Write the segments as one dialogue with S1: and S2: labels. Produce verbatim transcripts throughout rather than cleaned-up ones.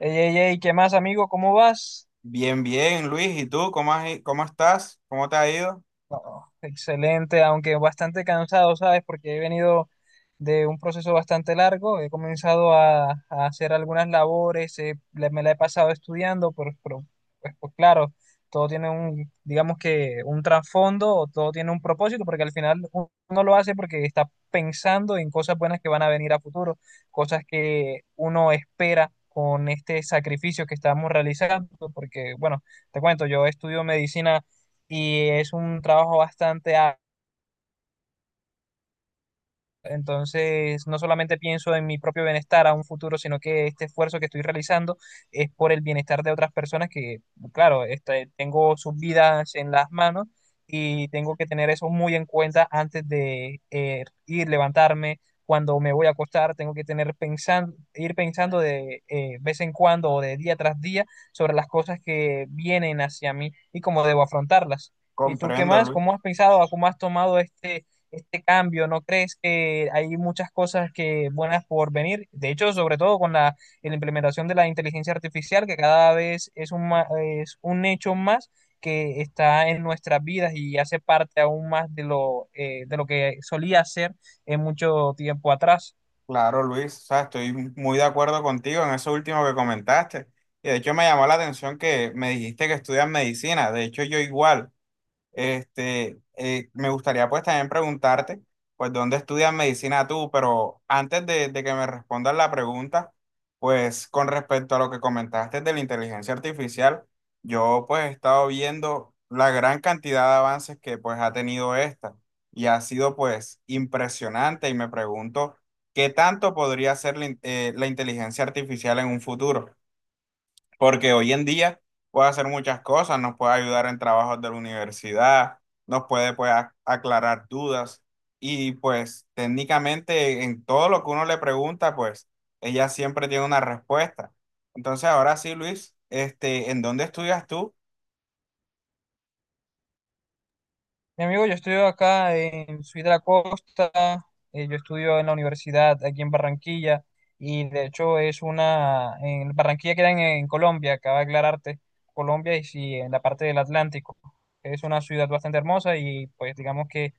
S1: Ey, ey, ey, ¿qué más, amigo? ¿Cómo vas?
S2: Bien, bien, Luis. ¿Y tú cómo has i- cómo estás? ¿Cómo te ha ido?
S1: No, excelente, aunque bastante cansado, ¿sabes? Porque he venido de un proceso bastante largo, he comenzado a, a hacer algunas labores, eh, le- me la he pasado estudiando, pero, pero, pues, pues claro, todo tiene un, digamos que un trasfondo, o todo tiene un propósito, porque al final u- uno lo hace porque está pensando en cosas buenas que van a venir a futuro, cosas que uno espera con este sacrificio que estamos realizando, porque bueno, te cuento, yo estudio medicina y es un trabajo bastante entonces, no solamente pienso en mi propio bienestar a un futuro, sino que este esfuerzo que estoy realizando es por el bienestar de otras personas que, claro, este, tengo sus vidas en las manos y tengo que tener eso muy en cuenta antes de eh, ir, levantarme, cuando me voy a acostar, tengo que tener pensando, ir pensando de eh, vez en cuando o de día tras día sobre las cosas que vienen hacia mí y cómo debo afrontarlas. ¿Y tú qué
S2: Comprendo,
S1: más?
S2: Luis.
S1: ¿Cómo has pensado, cómo has tomado este este cambio? ¿No crees que hay muchas cosas que buenas por venir? De hecho, sobre todo con la, la implementación de la inteligencia artificial, que cada vez es un, ma- es un hecho más que está en nuestras vidas y hace parte aún más de lo, eh, de lo que solía ser en mucho tiempo atrás.
S2: Claro, Luis. O sea, estoy muy de acuerdo contigo en eso último que comentaste. Y de hecho me llamó la atención que me dijiste que estudias medicina. De hecho, yo igual. Este, eh, me gustaría pues también preguntarte, pues, ¿dónde estudias medicina tú? Pero antes de, de que me respondas la pregunta, pues, con respecto a lo que comentaste de la inteligencia artificial, yo pues he estado viendo la gran cantidad de avances que pues ha tenido esta y ha sido pues impresionante y me pregunto, ¿qué tanto podría ser la in- eh, la inteligencia artificial en un futuro? Porque hoy en día puede hacer muchas cosas, nos puede ayudar en trabajos de la universidad, nos puede pues, a- aclarar dudas y pues técnicamente en todo lo que uno le pregunta, pues ella siempre tiene una respuesta. Entonces ahora sí, Luis, este, ¿en dónde estudias tú?
S1: Mi amigo, yo estudio acá en Ciudad de la Costa, eh, yo estudio en la universidad aquí en Barranquilla y de hecho es una, en Barranquilla queda en, en Colombia, acaba de aclararte, Colombia y sí, en la parte del Atlántico. Es una ciudad bastante hermosa y pues digamos que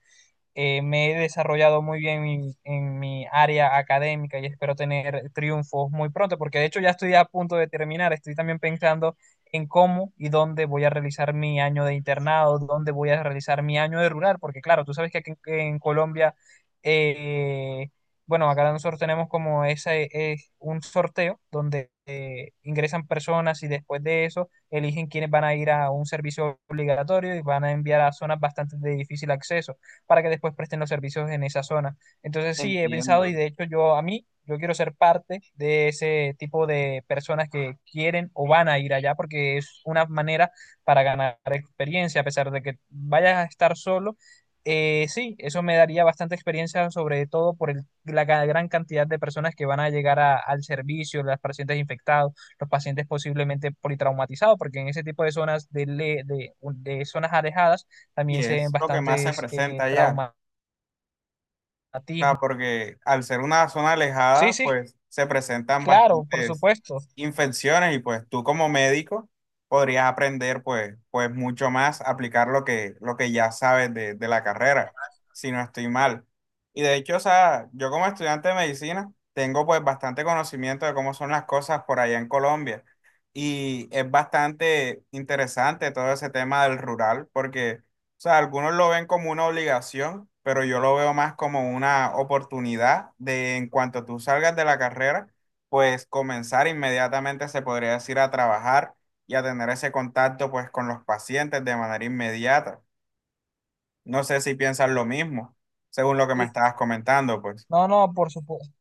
S1: eh, me he desarrollado muy bien en, en mi área académica y espero tener triunfos muy pronto, porque de hecho ya estoy a punto de terminar, estoy también pensando en cómo y dónde voy a realizar mi año de internado, dónde voy a realizar mi año de rural, porque claro, tú sabes que aquí en, en Colombia, eh, bueno, acá nosotros tenemos como ese, es un sorteo donde eh, ingresan personas y después de eso eligen quiénes van a ir a un servicio obligatorio y van a enviar a zonas bastante de difícil acceso para que después presten los servicios en esa zona. Entonces sí, he pensado
S2: Entiendo.
S1: y de hecho yo a mí, yo quiero ser parte de ese tipo de personas que quieren o van a ir allá porque es una manera para ganar experiencia, a pesar de que vayas a estar solo. Eh, sí, eso me daría bastante experiencia, sobre todo por el- la ga- gran cantidad de personas que van a llegar a- al servicio, los pacientes infectados, los pacientes posiblemente politraumatizados, porque en ese tipo de zonas de, le- de, de zonas alejadas
S2: ¿Y
S1: también se ven
S2: es lo que más se
S1: bastantes
S2: presenta
S1: eh,
S2: allá?
S1: traumatismos.
S2: Ah, porque al ser una zona
S1: Sí,
S2: alejada,
S1: sí,
S2: pues se presentan
S1: claro, por
S2: bastantes
S1: supuesto.
S2: infecciones y pues tú como médico podrías aprender pues, pues mucho más, aplicar lo que, lo que ya sabes de, de la carrera, si no estoy mal. Y de hecho, o sea, yo como estudiante de medicina tengo pues bastante conocimiento de cómo son las cosas por allá en Colombia. Y es bastante interesante todo ese tema del rural, porque o sea, algunos lo ven como una obligación, pero yo lo veo más como una oportunidad de en cuanto tú salgas de la carrera, pues comenzar inmediatamente, se podría decir, a trabajar y a tener ese contacto pues con los pacientes de manera inmediata. No sé si piensas lo mismo, según lo que me
S1: Sí.
S2: estabas comentando, pues.
S1: No, no, por supuesto.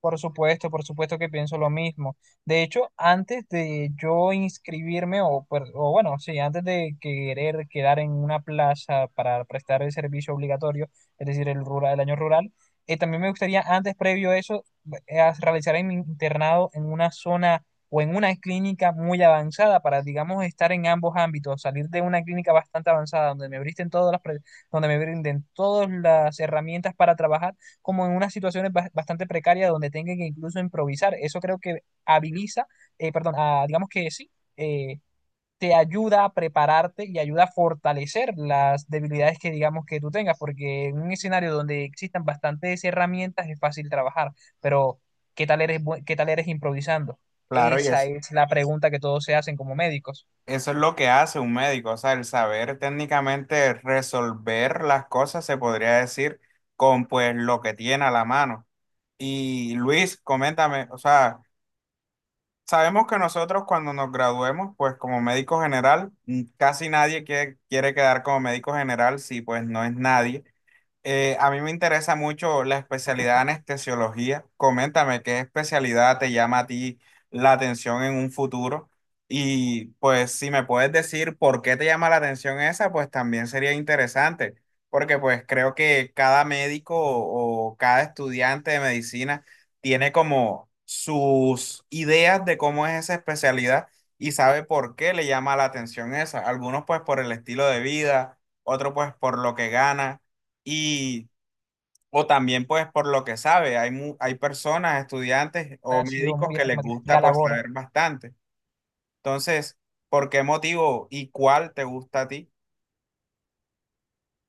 S1: Por supuesto, por supuesto que pienso lo mismo. De hecho, antes de yo inscribirme, o, per- o bueno, sí, antes de querer quedar en una plaza para prestar el servicio obligatorio, es decir, el rural, el año rural, eh, también me gustaría, antes, previo a eso, eh, as- realizar mi internado en una zona o en una clínica muy avanzada para, digamos, estar en ambos ámbitos, salir de una clínica bastante avanzada donde me brinden todas las, pre- donde me brinden todas las herramientas para trabajar como en unas situaciones bas- bastante precarias donde tenga que incluso improvisar. Eso creo que habiliza, eh, perdón, a- digamos que sí, eh, te ayuda a prepararte y ayuda a fortalecer las debilidades que digamos que tú tengas, porque en un escenario donde existan bastantes herramientas es fácil trabajar, pero ¿qué tal eres, bu- qué tal eres improvisando?
S2: Claro, y
S1: Esa
S2: ese.
S1: es la pregunta que todos se hacen como médicos.
S2: Eso es lo que hace un médico, o sea, el saber técnicamente resolver las cosas, se podría decir, con pues lo que tiene a la mano. Y Luis, coméntame, o sea, sabemos que nosotros cuando nos graduemos, pues como médico general, mm, casi nadie quiere, quiere quedar como médico general si pues no es nadie. Eh, a mí me interesa mucho la especialidad de anestesiología. Coméntame qué especialidad te llama a ti la atención en un futuro. Y pues si me puedes decir por qué te llama la atención esa, pues también sería interesante, porque pues creo que cada médico o, o cada estudiante de medicina tiene como sus ideas de cómo es esa especialidad y sabe por qué le llama la atención esa. Algunos pues por el estilo de vida, otros pues por lo que gana y, o también pues por lo que sabe, hay, mu- hay personas, estudiantes o
S1: Ha sido
S2: médicos
S1: muy
S2: que les
S1: estigmatizada
S2: gusta
S1: la
S2: pues
S1: labor.
S2: saber bastante. Entonces, ¿por qué motivo y cuál te gusta a ti?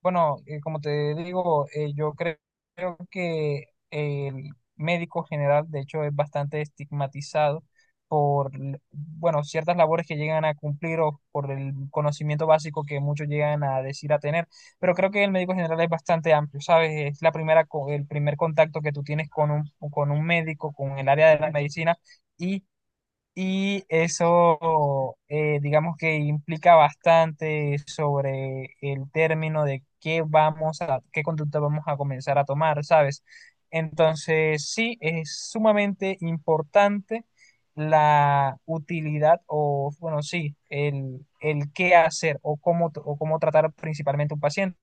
S1: Bueno, eh, como te digo, eh, yo cre- creo que el médico general, de hecho, es bastante estigmatizado por, l- bueno, ciertas labores que llegan a cumplir o por el conocimiento básico que muchos llegan a decir a tener. Pero creo que el médico general es bastante amplio, ¿sabes? Es la primera, co- el primer contacto que tú tienes con un, con un médico, con el área de la medicina. Y eso, eh, digamos que implica bastante sobre el término de qué vamos a, qué conducta vamos a comenzar a tomar, ¿sabes? Entonces, sí, es sumamente importante la utilidad o, bueno, sí, el, el qué hacer o cómo, t- o cómo tratar principalmente a un paciente.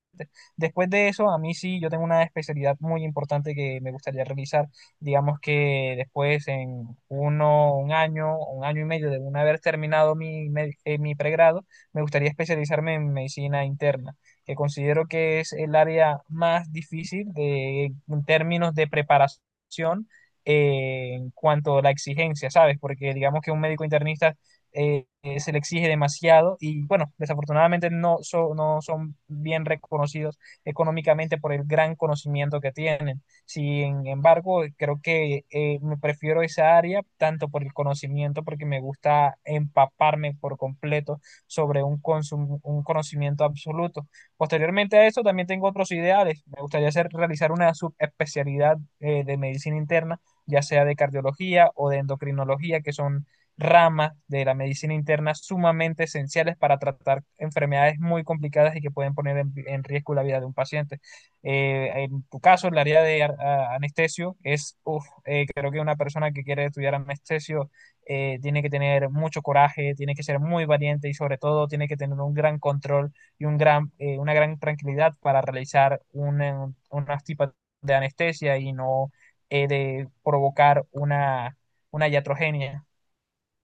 S1: Después de eso, a mí sí, yo tengo una especialidad muy importante que me gustaría realizar digamos que después en uno, un año, un año y medio de una haber terminado mi, med- eh, mi pregrado, me gustaría especializarme en medicina interna, que considero que es el área más difícil de, en términos de preparación eh, en cuanto a la exigencia, ¿sabes? Porque digamos que un médico internista eh, eh, se le exige demasiado y bueno, desafortunadamente no, so- no son bien reconocidos económicamente por el gran conocimiento que tienen. Sin embargo, creo que eh, me prefiero esa área tanto por el conocimiento, porque me gusta empaparme por completo sobre un, consum- un conocimiento absoluto. Posteriormente a eso, también tengo otros ideales. Me gustaría hacer, realizar una subespecialidad eh, de medicina interna, ya sea de cardiología o de endocrinología, que son ramas de la medicina interna sumamente esenciales para tratar enfermedades muy complicadas y que pueden poner en en riesgo la vida de un paciente. Eh, en tu caso, el área de ar- a- anestesio es, uf, eh, creo que una persona que quiere estudiar anestesio eh, tiene que tener mucho coraje, tiene que ser muy valiente y sobre todo tiene que tener un gran control y un gran, eh, una gran tranquilidad para realizar una- unas tipas de anestesia y no eh, de provocar una, una iatrogenia.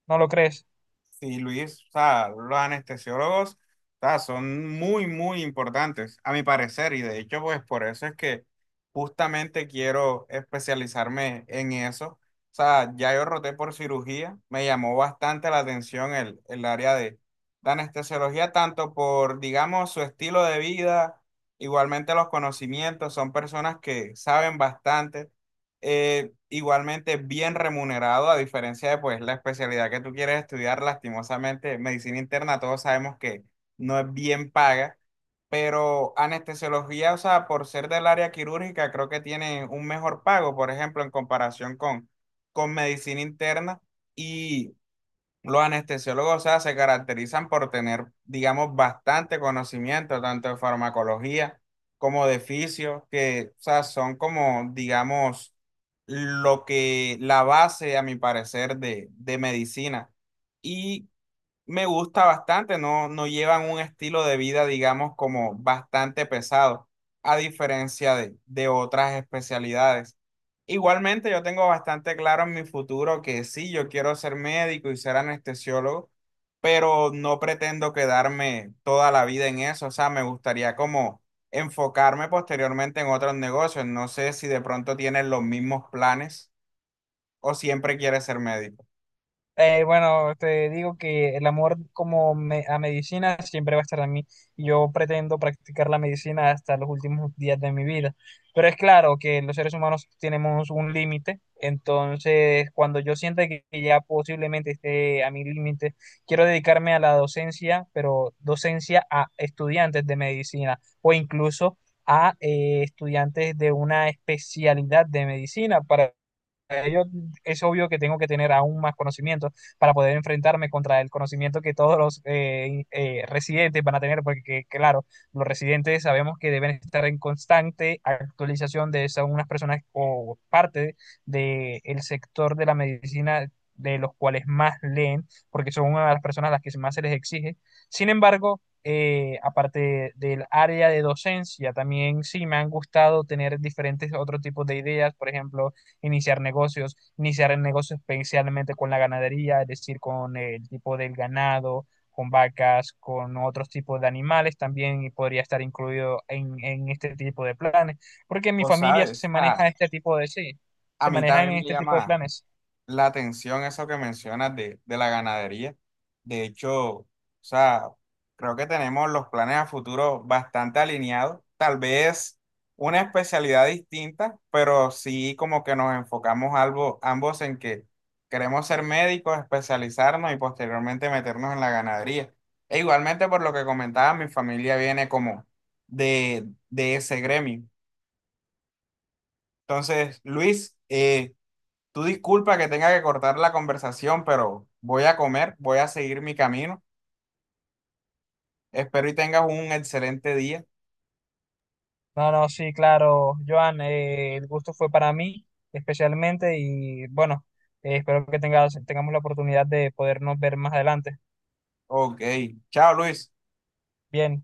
S1: ¿No lo crees?
S2: Sí, Luis, o sea, los anestesiólogos, o sea, son muy, muy importantes, a mi parecer, y de hecho, pues por eso es que justamente quiero especializarme en eso. O sea, ya yo roté por cirugía, me llamó bastante la atención el, el área de, de anestesiología, tanto por, digamos, su estilo de vida, igualmente los conocimientos, son personas que saben bastante eh, igualmente bien remunerado, a diferencia de pues la especialidad que tú quieres estudiar, lastimosamente, medicina interna, todos sabemos que no es bien paga, pero anestesiología, o sea, por ser del área quirúrgica, creo que tiene un mejor pago, por ejemplo, en comparación con, con medicina interna. Y los anestesiólogos, o sea, se caracterizan por tener, digamos, bastante conocimiento, tanto de farmacología como de fisios, que, o sea, son como, digamos, lo que, la base, a mi parecer, de, de medicina. Y me gusta bastante, no, no llevan un estilo de vida, digamos, como bastante pesado, a diferencia de, de otras especialidades. Igualmente, yo tengo bastante claro en mi futuro que sí, yo quiero ser médico y ser anestesiólogo, pero no pretendo quedarme toda la vida en eso. O sea, me gustaría como enfocarme posteriormente en otros negocios. No sé si de pronto tienes los mismos planes o siempre quieres ser médico.
S1: Eh, bueno, te digo que el amor como me- a medicina siempre va a estar en mí. Y yo pretendo practicar la medicina hasta los últimos días de mi vida. Pero es claro que los seres humanos tenemos un límite. Entonces, cuando yo sienta que que ya posiblemente esté a mi límite, quiero dedicarme a la docencia, pero docencia a estudiantes de medicina o incluso a eh, estudiantes de una especialidad de medicina para es obvio que tengo que tener aún más conocimiento para poder enfrentarme contra el conocimiento que todos los eh, eh, residentes van a tener, porque claro, los residentes sabemos que deben estar en constante actualización de esas unas personas o parte del el sector de la medicina de los cuales más leen, porque son una de las personas a las que más se les exige. Sin embargo, eh, aparte del área de docencia, también sí me han gustado tener diferentes otros tipos de ideas, por ejemplo, iniciar negocios, iniciar el negocio especialmente con la ganadería, es decir, con el tipo del ganado, con vacas, con otros tipos de animales también y podría estar incluido en, en este tipo de planes, porque en mi
S2: O
S1: familia
S2: sabes,
S1: se maneja
S2: ah,
S1: este tipo de, sí,
S2: a
S1: se
S2: mí
S1: manejan
S2: también
S1: en
S2: me
S1: este tipo de
S2: llama
S1: planes.
S2: la atención eso que mencionas de, de la ganadería. De hecho, o sea, creo que tenemos los planes a futuro bastante alineados. Tal vez una especialidad distinta, pero sí como que nos enfocamos algo, ambos en que queremos ser médicos, especializarnos y posteriormente meternos en la ganadería. E igualmente, por lo que comentaba, mi familia viene como de, de ese gremio. Entonces, Luis, eh, tú disculpa que tenga que cortar la conversación, pero voy a comer, voy a seguir mi camino. Espero y tengas un excelente día.
S1: No, no, sí, claro, Joan, eh, el gusto fue para mí especialmente y bueno, eh, espero que tengas, tengamos la oportunidad de podernos ver más adelante.
S2: Ok, chao Luis.
S1: Bien,